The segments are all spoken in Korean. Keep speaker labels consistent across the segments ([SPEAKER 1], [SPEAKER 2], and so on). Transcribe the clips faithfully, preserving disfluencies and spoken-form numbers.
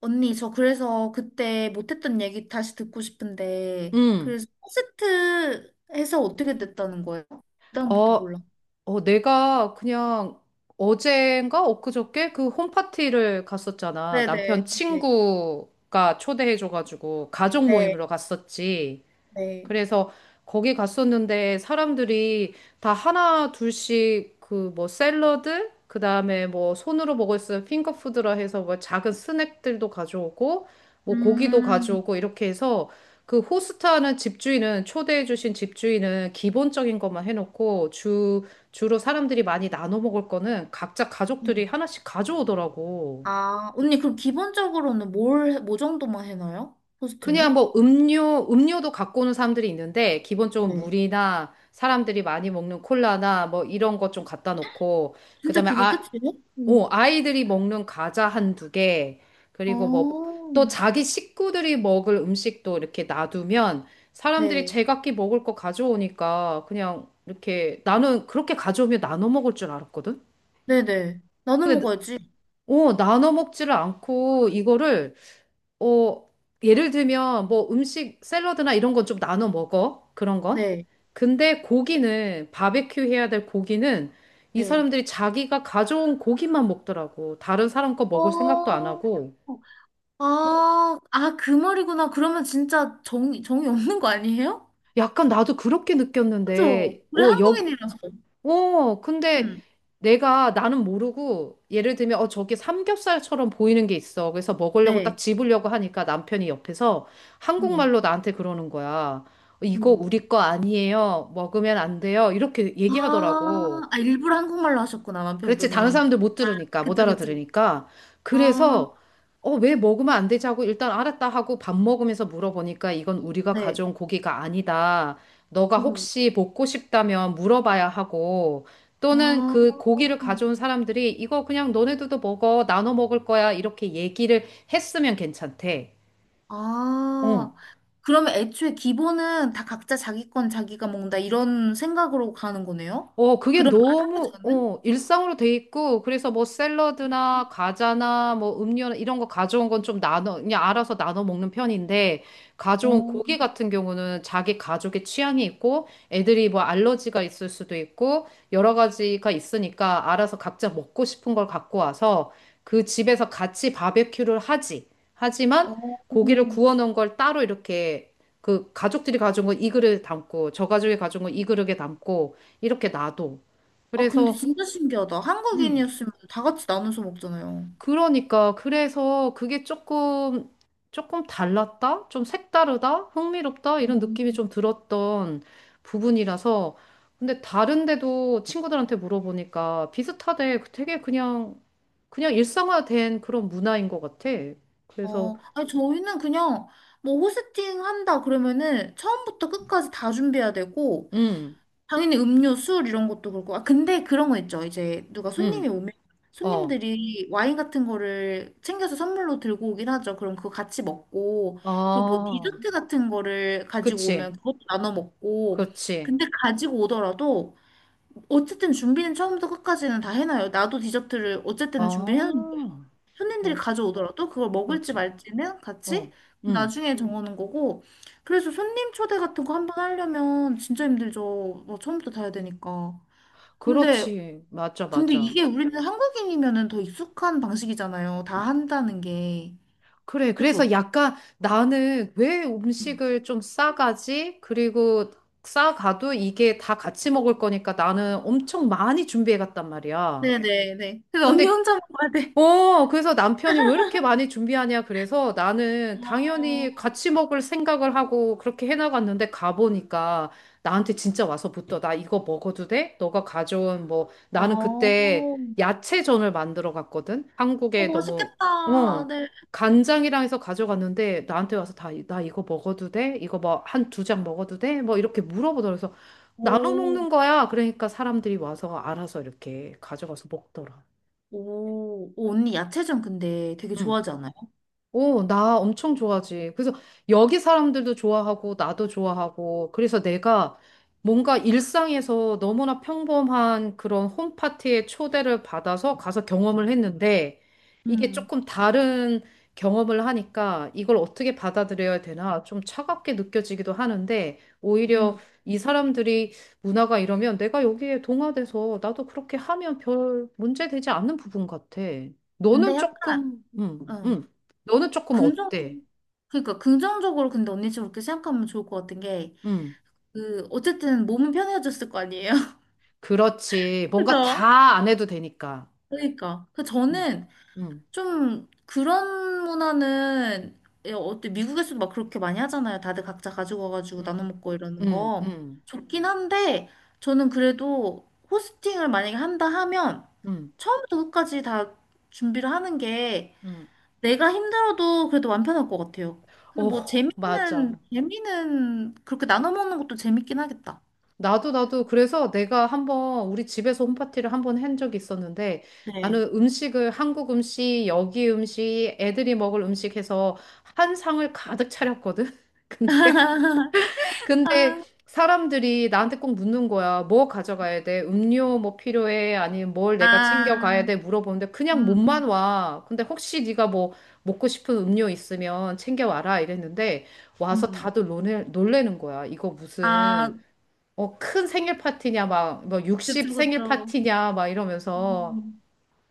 [SPEAKER 1] 언니, 저 그래서 그때 못했던 얘기 다시 듣고 싶은데,
[SPEAKER 2] 응.
[SPEAKER 1] 그래서 포스트 해서 어떻게 됐다는 거예요? 그다음부터
[SPEAKER 2] 어,
[SPEAKER 1] 몰라.
[SPEAKER 2] 어, 내가 그냥 어젠가 엊그저께 그 홈파티를 갔었잖아.
[SPEAKER 1] 네네,
[SPEAKER 2] 남편
[SPEAKER 1] 네,
[SPEAKER 2] 친구가 초대해줘가지고 가족
[SPEAKER 1] 네,
[SPEAKER 2] 모임으로 갔었지.
[SPEAKER 1] 네.
[SPEAKER 2] 그래서 거기 갔었는데 사람들이 다 하나 둘씩 그 뭐 샐러드 그다음에 뭐 손으로 먹을 수 있는 핑거푸드라 해서 뭐 작은 스낵들도 가져오고 뭐 고기도
[SPEAKER 1] 음,
[SPEAKER 2] 가져오고 이렇게 해서 그 호스트하는 집주인은 초대해 주신 집주인은 기본적인 것만 해놓고 주 주로 사람들이 많이 나눠 먹을 거는 각자 가족들이 하나씩 가져오더라고.
[SPEAKER 1] 아, 언니, 그럼 기본적으로는 뭘, 해- 뭐 정도만 해놔요? 포스트
[SPEAKER 2] 그냥
[SPEAKER 1] 는
[SPEAKER 2] 뭐 음료, 음료도 갖고 오는 사람들이 있는데, 기본적으로
[SPEAKER 1] 네.
[SPEAKER 2] 물이나 사람들이 많이 먹는 콜라나 뭐 이런 것 좀 갖다 놓고, 그
[SPEAKER 1] 진짜
[SPEAKER 2] 다음에
[SPEAKER 1] 그게
[SPEAKER 2] 아,
[SPEAKER 1] 끝이에요?
[SPEAKER 2] 오,
[SPEAKER 1] 음.
[SPEAKER 2] 아이들이 먹는 과자 한 두 개, 그리고 뭐 또
[SPEAKER 1] 어,
[SPEAKER 2] 자기 식구들이 먹을 음식도 이렇게 놔두면 사람들이
[SPEAKER 1] 네,
[SPEAKER 2] 제각기 먹을 거 가져오니까 그냥 이렇게 나는 그렇게 가져오면 나눠 먹을 줄 알았거든?
[SPEAKER 1] 네네. 나눠
[SPEAKER 2] 근데,
[SPEAKER 1] 먹어야지.
[SPEAKER 2] 오, 나눠 먹지를 않고 이거를 어, 예를 들면 뭐 음식 샐러드나 이런 건 좀 나눠 먹어. 그런 건.
[SPEAKER 1] 네,
[SPEAKER 2] 근데 고기는 바베큐 해야 될 고기는 이
[SPEAKER 1] 네.
[SPEAKER 2] 사람들이 자기가 가져온 고기만 먹더라고. 다른 사람 거 먹을 생각도 안
[SPEAKER 1] 어,
[SPEAKER 2] 하고.
[SPEAKER 1] 아, 아, 그 말이구나. 그러면 진짜 정이, 정이 없는 거 아니에요?
[SPEAKER 2] 약간 나도 그렇게
[SPEAKER 1] 그죠?
[SPEAKER 2] 느꼈는데,
[SPEAKER 1] 우리
[SPEAKER 2] 어, 여,
[SPEAKER 1] 한국인이라서.
[SPEAKER 2] 어, 근데
[SPEAKER 1] 음,
[SPEAKER 2] 내가 나는 모르고 예를 들면 어 저게 삼겹살처럼 보이는 게 있어. 그래서 먹으려고 딱
[SPEAKER 1] 네.
[SPEAKER 2] 집으려고 하니까 남편이 옆에서
[SPEAKER 1] 음,
[SPEAKER 2] 한국말로 나한테 그러는 거야. 이거
[SPEAKER 1] 음.
[SPEAKER 2] 우리 거 아니에요. 먹으면 안 돼요. 이렇게
[SPEAKER 1] 아,
[SPEAKER 2] 얘기하더라고.
[SPEAKER 1] 아, 일부러 한국말로 하셨구나,
[SPEAKER 2] 그렇지. 다른
[SPEAKER 1] 남편분이.
[SPEAKER 2] 사람들 못
[SPEAKER 1] 아,
[SPEAKER 2] 들으니까, 못
[SPEAKER 1] 그쵸, 그쵸.
[SPEAKER 2] 알아들으니까.
[SPEAKER 1] 아,
[SPEAKER 2] 그래서, 어, 왜 먹으면 안 되지 하고 일단 알았다 하고 밥 먹으면서 물어보니까 이건 우리가
[SPEAKER 1] 네.
[SPEAKER 2] 가져온 고기가 아니다. 너가
[SPEAKER 1] 음.
[SPEAKER 2] 혹시 먹고 싶다면 물어봐야 하고 또는
[SPEAKER 1] 아,
[SPEAKER 2] 그 고기를 가져온 사람들이 이거 그냥 너네들도 먹어. 나눠 먹을 거야. 이렇게 얘기를 했으면 괜찮대. 어.
[SPEAKER 1] 아. 그러면 애초에 기본은 다 각자 자기 건 자기가 먹는다, 이런 생각으로 가는 거네요?
[SPEAKER 2] 어, 그게
[SPEAKER 1] 그런 말 하기
[SPEAKER 2] 너무,
[SPEAKER 1] 전에
[SPEAKER 2] 어, 일상으로 돼 있고, 그래서 뭐 샐러드나 과자나 뭐 음료나 이런 거 가져온 건 좀 나눠, 그냥 알아서 나눠 먹는 편인데,
[SPEAKER 1] 어,
[SPEAKER 2] 가져온 고기 같은 경우는 자기 가족의 취향이 있고, 애들이 뭐 알러지가 있을 수도 있고, 여러 가지가 있으니까 알아서 각자 먹고 싶은 걸 갖고 와서 그 집에서 같이 바베큐를 하지. 하지만
[SPEAKER 1] 어.
[SPEAKER 2] 고기를 구워 놓은 걸 따로 이렇게 그 가족들이 가져온 건 이 그릇에 담고, 저 가족이 가져온 건 이 그릇에 담고, 이렇게 놔둬.
[SPEAKER 1] 아, 근데
[SPEAKER 2] 그래서,
[SPEAKER 1] 진짜 신기하다.
[SPEAKER 2] 음,
[SPEAKER 1] 한국인이었으면 다 같이 나눠서 먹잖아요.
[SPEAKER 2] 그러니까, 그래서 그게 조금, 조금 달랐다? 좀 색다르다? 흥미롭다? 이런 느낌이
[SPEAKER 1] 음.
[SPEAKER 2] 좀 들었던 부분이라서. 근데 다른데도 친구들한테 물어보니까 비슷하대. 되게 그냥, 그냥 일상화된 그런 문화인 것 같아. 그래서,
[SPEAKER 1] 어, 아니, 저희는 그냥 뭐 호스팅 한다 그러면은 처음부터 끝까지 다 준비해야 되고,
[SPEAKER 2] 음,
[SPEAKER 1] 당연히 음료, 술 이런 것도 그렇고. 아, 근데 그런 거 있죠. 이제 누가 손님이
[SPEAKER 2] 음,
[SPEAKER 1] 오면
[SPEAKER 2] 어,
[SPEAKER 1] 손님들이 와인 같은 거를 챙겨서 선물로 들고 오긴 하죠. 그럼 그거 같이 먹고, 그리고 뭐
[SPEAKER 2] 아,
[SPEAKER 1] 디저트 같은 거를 가지고 오면
[SPEAKER 2] 그치,
[SPEAKER 1] 그것도 나눠 먹고,
[SPEAKER 2] 그렇지,
[SPEAKER 1] 근데 가지고 오더라도 어쨌든 준비는 처음부터 끝까지는 다 해놔요. 나도 디저트를
[SPEAKER 2] 아,
[SPEAKER 1] 어쨌든 준비를 해놓는 거예요.
[SPEAKER 2] 어,
[SPEAKER 1] 손님들이 가져오더라도 그걸 먹을지
[SPEAKER 2] 그렇지,
[SPEAKER 1] 말지는 같이
[SPEAKER 2] 어, 음.
[SPEAKER 1] 나중에 음. 정하는 거고. 그래서 손님 초대 같은 거 한번 하려면 진짜 힘들죠. 뭐 처음부터 다 해야 되니까. 근데,
[SPEAKER 2] 그렇지. 맞아,
[SPEAKER 1] 근데
[SPEAKER 2] 맞아.
[SPEAKER 1] 이게 우리는 한국인이면은 더 익숙한 방식이잖아요. 다 한다는 게.
[SPEAKER 2] 그래.
[SPEAKER 1] 그죠?
[SPEAKER 2] 그래서 약간 나는 왜 음식을 좀 싸가지? 그리고 싸가도 이게 다 같이 먹을 거니까 나는 엄청 많이 준비해 갔단 말이야.
[SPEAKER 1] 네네네. 근데 언니
[SPEAKER 2] 근데
[SPEAKER 1] 혼자 먹어야 돼.
[SPEAKER 2] 어, 그래서 남편이 왜 이렇게 많이 준비하냐. 그래서 나는 당연히
[SPEAKER 1] 아,
[SPEAKER 2] 같이 먹을 생각을 하고 그렇게 해나갔는데 가보니까 나한테 진짜 와서 붙어. 나 이거 먹어도 돼? 너가 가져온 뭐,
[SPEAKER 1] 아,
[SPEAKER 2] 나는 그때
[SPEAKER 1] 어,
[SPEAKER 2] 야채전을 만들어 갔거든?
[SPEAKER 1] 어,
[SPEAKER 2] 한국에 너무,
[SPEAKER 1] 맛있겠다.
[SPEAKER 2] 어,
[SPEAKER 1] 네.
[SPEAKER 2] 간장이랑 해서 가져갔는데 나한테 와서 다, 나 이거 먹어도 돼? 이거 뭐 한 두 장 먹어도 돼? 뭐 이렇게 물어보더라. 그래서 나눠
[SPEAKER 1] 오...
[SPEAKER 2] 먹는 거야. 그러니까 사람들이 와서 알아서 이렇게 가져가서 먹더라.
[SPEAKER 1] 오, 오, 언니 야채전 근데 되게
[SPEAKER 2] 응.
[SPEAKER 1] 좋아하지 않아요?
[SPEAKER 2] 오, 나 엄청 좋아하지. 그래서 여기 사람들도 좋아하고 나도 좋아하고 그래서 내가 뭔가 일상에서 너무나 평범한 그런 홈파티에 초대를 받아서 가서 경험을 했는데 이게
[SPEAKER 1] 음.
[SPEAKER 2] 조금 다른 경험을 하니까 이걸 어떻게 받아들여야 되나 좀 차갑게 느껴지기도 하는데 오히려
[SPEAKER 1] 음.
[SPEAKER 2] 이 사람들이 문화가 이러면 내가 여기에 동화돼서 나도 그렇게 하면 별 문제 되지 않는 부분 같아.
[SPEAKER 1] 근데
[SPEAKER 2] 너는
[SPEAKER 1] 약간,
[SPEAKER 2] 조금, 음,
[SPEAKER 1] 어,
[SPEAKER 2] 음. 너는 조금
[SPEAKER 1] 긍정적,
[SPEAKER 2] 어때?
[SPEAKER 1] 그러니까 긍정적으로 근데 언니처럼 그렇게 생각하면 좋을 것 같은 게,
[SPEAKER 2] 음,
[SPEAKER 1] 그, 어쨌든 몸은 편해졌을 거 아니에요?
[SPEAKER 2] 그렇지. 뭔가
[SPEAKER 1] 그죠?
[SPEAKER 2] 다 안 해도 되니까.
[SPEAKER 1] 그러니까. 그
[SPEAKER 2] 음,
[SPEAKER 1] 저는
[SPEAKER 2] 음,
[SPEAKER 1] 좀 그런 문화는, 예, 어때, 미국에서도 막 그렇게 많이 하잖아요. 다들 각자 가지고 와가지고 나눠
[SPEAKER 2] 음,
[SPEAKER 1] 먹고 이러는 거.
[SPEAKER 2] 음,
[SPEAKER 1] 좋긴 한데, 저는 그래도 호스팅을 만약에 한다 하면,
[SPEAKER 2] 음,
[SPEAKER 1] 처음부터 끝까지 다 준비를 하는 게
[SPEAKER 2] 음.
[SPEAKER 1] 내가 힘들어도 그래도 완편할 것 같아요. 근데
[SPEAKER 2] 어,
[SPEAKER 1] 뭐 재미는
[SPEAKER 2] 맞아.
[SPEAKER 1] 재미는 그렇게 나눠 먹는 것도 재밌긴 하겠다.
[SPEAKER 2] 나도 나도 그래서 내가 한번 우리 집에서 홈파티를 한 번 한 적이 있었는데
[SPEAKER 1] 네.
[SPEAKER 2] 나는 음식을 한국 음식, 여기 음식, 애들이 먹을 음식 해서 한 상을 가득 차렸거든. 근데 근데
[SPEAKER 1] 아,
[SPEAKER 2] 사람들이 나한테 꼭 묻는 거야. 뭐 가져가야 돼? 음료 뭐 필요해? 아니면 뭘 내가 챙겨가야
[SPEAKER 1] 아,
[SPEAKER 2] 돼? 물어보는데
[SPEAKER 1] 음,
[SPEAKER 2] 그냥 몸만
[SPEAKER 1] 음,
[SPEAKER 2] 와. 근데 혹시 네가 뭐 먹고 싶은 음료 있으면 챙겨와라 이랬는데 와서
[SPEAKER 1] 음.
[SPEAKER 2] 다들 놀래, 놀래는 거야. 이거
[SPEAKER 1] 아,
[SPEAKER 2] 무슨 어, 큰 생일 파티냐 막 뭐 육십
[SPEAKER 1] 그쵸,
[SPEAKER 2] 생일
[SPEAKER 1] 그쵸.
[SPEAKER 2] 파티냐 막 이러면서
[SPEAKER 1] 음,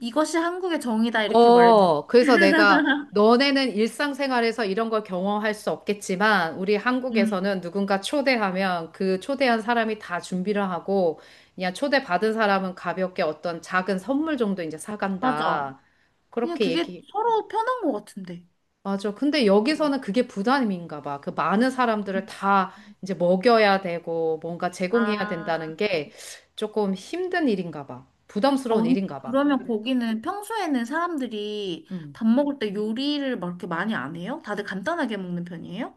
[SPEAKER 1] 이것이 한국의 정이다 이렇게 말해줘.
[SPEAKER 2] 어, 그래서 내가 너네는 일상생활에서 이런 걸 경험할 수 없겠지만 우리
[SPEAKER 1] 음,
[SPEAKER 2] 한국에서는 누군가 초대하면 그 초대한 사람이 다 준비를 하고 그냥 초대받은 사람은 가볍게 어떤 작은 선물 정도 이제
[SPEAKER 1] 맞아.
[SPEAKER 2] 사간다.
[SPEAKER 1] 그냥
[SPEAKER 2] 그렇게
[SPEAKER 1] 그게
[SPEAKER 2] 얘기.
[SPEAKER 1] 서로 편한 것 같은데.
[SPEAKER 2] 맞아. 근데
[SPEAKER 1] 음.
[SPEAKER 2] 여기서는 그게 부담인가 봐. 그 많은 사람들을 다
[SPEAKER 1] 음.
[SPEAKER 2] 이제 먹여야 되고 뭔가 제공해야
[SPEAKER 1] 아.
[SPEAKER 2] 된다는 게 조금 힘든 일인가 봐.
[SPEAKER 1] 아,
[SPEAKER 2] 부담스러운
[SPEAKER 1] 언니,
[SPEAKER 2] 일인가 봐.
[SPEAKER 1] 그러면 거기는 평소에는 사람들이
[SPEAKER 2] 음.
[SPEAKER 1] 밥 먹을 때 요리를 막 이렇게 많이 안 해요? 다들 간단하게 먹는 편이에요?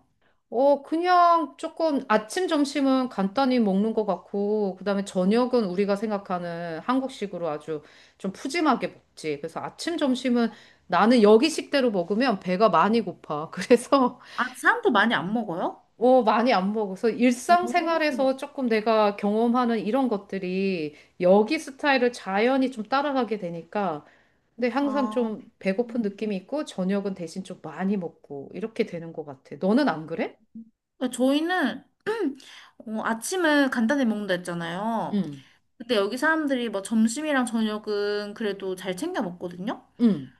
[SPEAKER 2] 어, 그냥 조금 아침, 점심은 간단히 먹는 것 같고, 그다음에 저녁은 우리가 생각하는 한국식으로 아주 좀 푸짐하게 먹지. 그래서 아침, 점심은 나는
[SPEAKER 1] 음.
[SPEAKER 2] 여기식대로 먹으면 배가 많이 고파. 그래서,
[SPEAKER 1] 아, 사람도 많이 안 먹어요?
[SPEAKER 2] 어, 많이 안 먹어서
[SPEAKER 1] 오.
[SPEAKER 2] 일상생활에서 조금 내가 경험하는 이런 것들이 여기 스타일을 자연히 좀 따라가게 되니까, 근데 항상
[SPEAKER 1] 아,
[SPEAKER 2] 좀 배고픈
[SPEAKER 1] 음.
[SPEAKER 2] 느낌이 있고, 저녁은 대신 좀 많이 먹고, 이렇게 되는 것 같아. 너는 안 그래?
[SPEAKER 1] 저희는 어, 아침은 간단히 먹는다 했잖아요.
[SPEAKER 2] 응,
[SPEAKER 1] 근데 여기 사람들이 뭐 점심이랑 저녁은 그래도 잘 챙겨 먹거든요.
[SPEAKER 2] 응.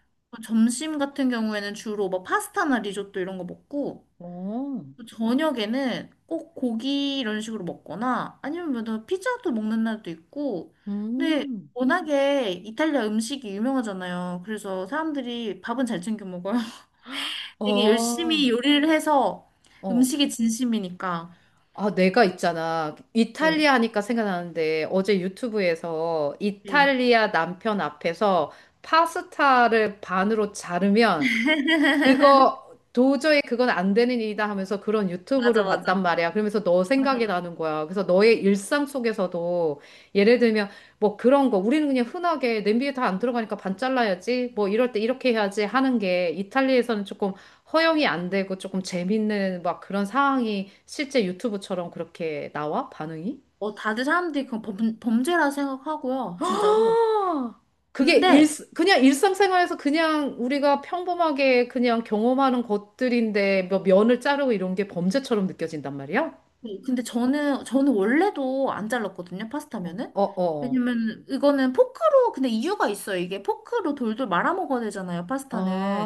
[SPEAKER 1] 점심 같은 경우에는 주로 뭐 파스타나 리조또 이런 거 먹고
[SPEAKER 2] 어,
[SPEAKER 1] 또 저녁에는 꼭 고기 이런 식으로 먹거나 아니면 뭐 피자도 먹는 날도 있고 근데
[SPEAKER 2] 음,
[SPEAKER 1] 워낙에 이탈리아 음식이 유명하잖아요. 그래서 사람들이 밥은 잘 챙겨 먹어요. 되게
[SPEAKER 2] 어,
[SPEAKER 1] 열심히 요리를 해서
[SPEAKER 2] 어.
[SPEAKER 1] 음식에 진심이니까.
[SPEAKER 2] 아, 내가 있잖아.
[SPEAKER 1] 네.
[SPEAKER 2] 이탈리아 하니까 생각나는데, 어제 유튜브에서
[SPEAKER 1] 네.
[SPEAKER 2] 이탈리아 남편 앞에서 파스타를 반으로 자르면 그거 도저히 그건 안 되는 일이다 하면서 그런
[SPEAKER 1] 맞아,
[SPEAKER 2] 유튜브를 봤단
[SPEAKER 1] 맞아.
[SPEAKER 2] 말이야. 그러면서 너
[SPEAKER 1] 맞아.
[SPEAKER 2] 생각이
[SPEAKER 1] 맞아.
[SPEAKER 2] 나는 거야. 그래서 너의 일상 속에서도 예를 들면 뭐 그런 거 우리는 그냥 흔하게 냄비에 다 안 들어가니까 반 잘라야지 뭐 이럴 때 이렇게 해야지 하는 게 이탈리아에서는 조금 허용이 안 되고 조금 재밌는 막 그런 상황이 실제 유튜브처럼 그렇게 나와? 반응이?
[SPEAKER 1] 어, 다들 사람들이 그건 범, 범죄라 생각하고요, 진짜로.
[SPEAKER 2] 아, 그게 일,
[SPEAKER 1] 근데
[SPEAKER 2] 그냥 일상생활에서 그냥 우리가 평범하게 그냥 경험하는 것들인데 뭐 면을 자르고 이런 게 범죄처럼 느껴진단 말이야?
[SPEAKER 1] 네, 근데 저는 저는 원래도 안 잘랐거든요, 파스타면은.
[SPEAKER 2] 어, 어, 어.
[SPEAKER 1] 왜냐면 이거는 포크로, 근데 이유가 있어요. 이게 포크로 돌돌 말아 먹어야 되잖아요, 파스타는.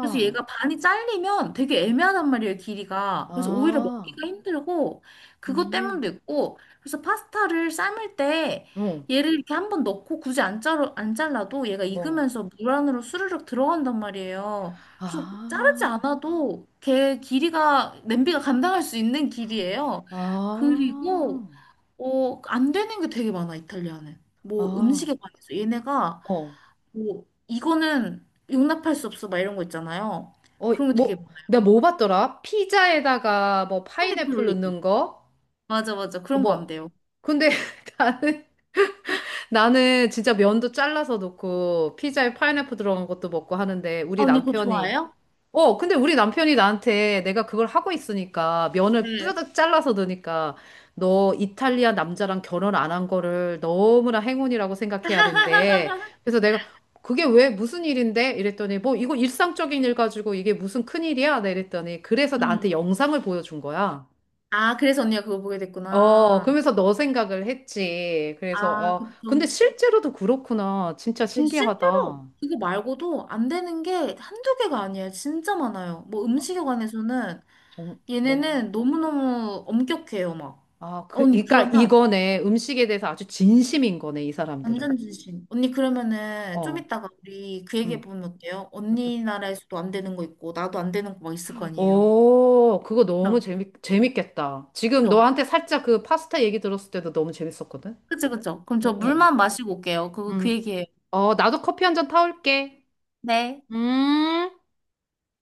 [SPEAKER 1] 그래서 얘가 반이 잘리면 되게 애매하단 말이에요, 길이가. 그래서 오히려
[SPEAKER 2] 아,
[SPEAKER 1] 먹기가 힘들고 그것
[SPEAKER 2] 음,
[SPEAKER 1] 때문도 있고. 그래서 파스타를 삶을 때
[SPEAKER 2] 응,
[SPEAKER 1] 얘를 이렇게 한번 넣고 굳이 안 자르 안 잘라도 얘가
[SPEAKER 2] 어,
[SPEAKER 1] 익으면서 물 안으로 스르륵 들어간단 말이에요. 그래서
[SPEAKER 2] 아,
[SPEAKER 1] 자르지 않아도 개 길이가 냄비가 감당할 수 있는 길이에요.
[SPEAKER 2] 아,
[SPEAKER 1] 그리고 어, 안 되는 게 되게 많아, 이탈리아는. 뭐
[SPEAKER 2] 아,
[SPEAKER 1] 음식에 관해서 얘네가
[SPEAKER 2] 어,
[SPEAKER 1] 뭐 이거는 용납할 수 없어, 막 이런 거 있잖아요.
[SPEAKER 2] 어,
[SPEAKER 1] 그런 거 되게
[SPEAKER 2] 뭐,
[SPEAKER 1] 많아요.
[SPEAKER 2] 내가 뭐 봤더라? 피자에다가 뭐
[SPEAKER 1] 파인플
[SPEAKER 2] 파인애플
[SPEAKER 1] 올리기.
[SPEAKER 2] 넣는 거?
[SPEAKER 1] 맞아 맞아,
[SPEAKER 2] 어,
[SPEAKER 1] 그런 거 안
[SPEAKER 2] 뭐.
[SPEAKER 1] 돼요.
[SPEAKER 2] 근데 나는 나는 진짜 면도 잘라서 넣고 피자에 파인애플 들어간 것도 먹고 하는데 우리
[SPEAKER 1] 아, 언니, 그거
[SPEAKER 2] 남편이
[SPEAKER 1] 좋아해요?
[SPEAKER 2] 어 근데 우리 남편이 나한테 내가 그걸 하고 있으니까 면을
[SPEAKER 1] 네.
[SPEAKER 2] 뿌려득 잘라서 넣으니까 너 이탈리아 남자랑 결혼 안 한 거를 너무나 행운이라고 생각해야 된대. 그래서 내가 그게 왜 무슨 일인데? 이랬더니 뭐 이거 일상적인 일 가지고 이게 무슨 큰일이야? 나 이랬더니 그래서 나한테
[SPEAKER 1] 음.
[SPEAKER 2] 영상을 보여준 거야.
[SPEAKER 1] 아, 그래서 언니가 그거 보게
[SPEAKER 2] 어,
[SPEAKER 1] 됐구나.
[SPEAKER 2] 그러면서 너 생각을 했지. 그래서,
[SPEAKER 1] 아,
[SPEAKER 2] 어,
[SPEAKER 1] 그쵸.
[SPEAKER 2] 근데 실제로도 그렇구나. 진짜
[SPEAKER 1] 근데
[SPEAKER 2] 신기하다.
[SPEAKER 1] 실제로
[SPEAKER 2] 아,
[SPEAKER 1] 이거 말고도 안 되는 게 한두 개가 아니에요. 진짜 많아요. 뭐 음식에 관해서는
[SPEAKER 2] 정, 어.
[SPEAKER 1] 얘네는 너무너무 엄격해요, 막.
[SPEAKER 2] 아, 그,
[SPEAKER 1] 언니,
[SPEAKER 2] 그러니까
[SPEAKER 1] 그러면
[SPEAKER 2] 이거네. 음식에 대해서 아주 진심인 거네, 이 사람들은.
[SPEAKER 1] 완전 진심. 언니, 그러면은 좀
[SPEAKER 2] 어,
[SPEAKER 1] 이따가 우리 그 얘기해
[SPEAKER 2] 음.
[SPEAKER 1] 보면 어때요?
[SPEAKER 2] 맞다.
[SPEAKER 1] 언니 나라에서도 안 되는 거 있고, 나도 안 되는 거 막 있을 거 아니에요.
[SPEAKER 2] 오, 그거 너무
[SPEAKER 1] 그죠?
[SPEAKER 2] 재밌, 재밌겠다. 지금
[SPEAKER 1] 그죠?
[SPEAKER 2] 너한테 살짝 그 파스타 얘기 들었을 때도 너무 재밌었거든?
[SPEAKER 1] 그죠? 그죠? 그럼
[SPEAKER 2] 어,
[SPEAKER 1] 저
[SPEAKER 2] 어. 어.
[SPEAKER 1] 물만 마시고 올게요. 그, 그
[SPEAKER 2] 음.
[SPEAKER 1] 얘기해요.
[SPEAKER 2] 어, 나도 커피 한잔 타올게.
[SPEAKER 1] 네.
[SPEAKER 2] 음.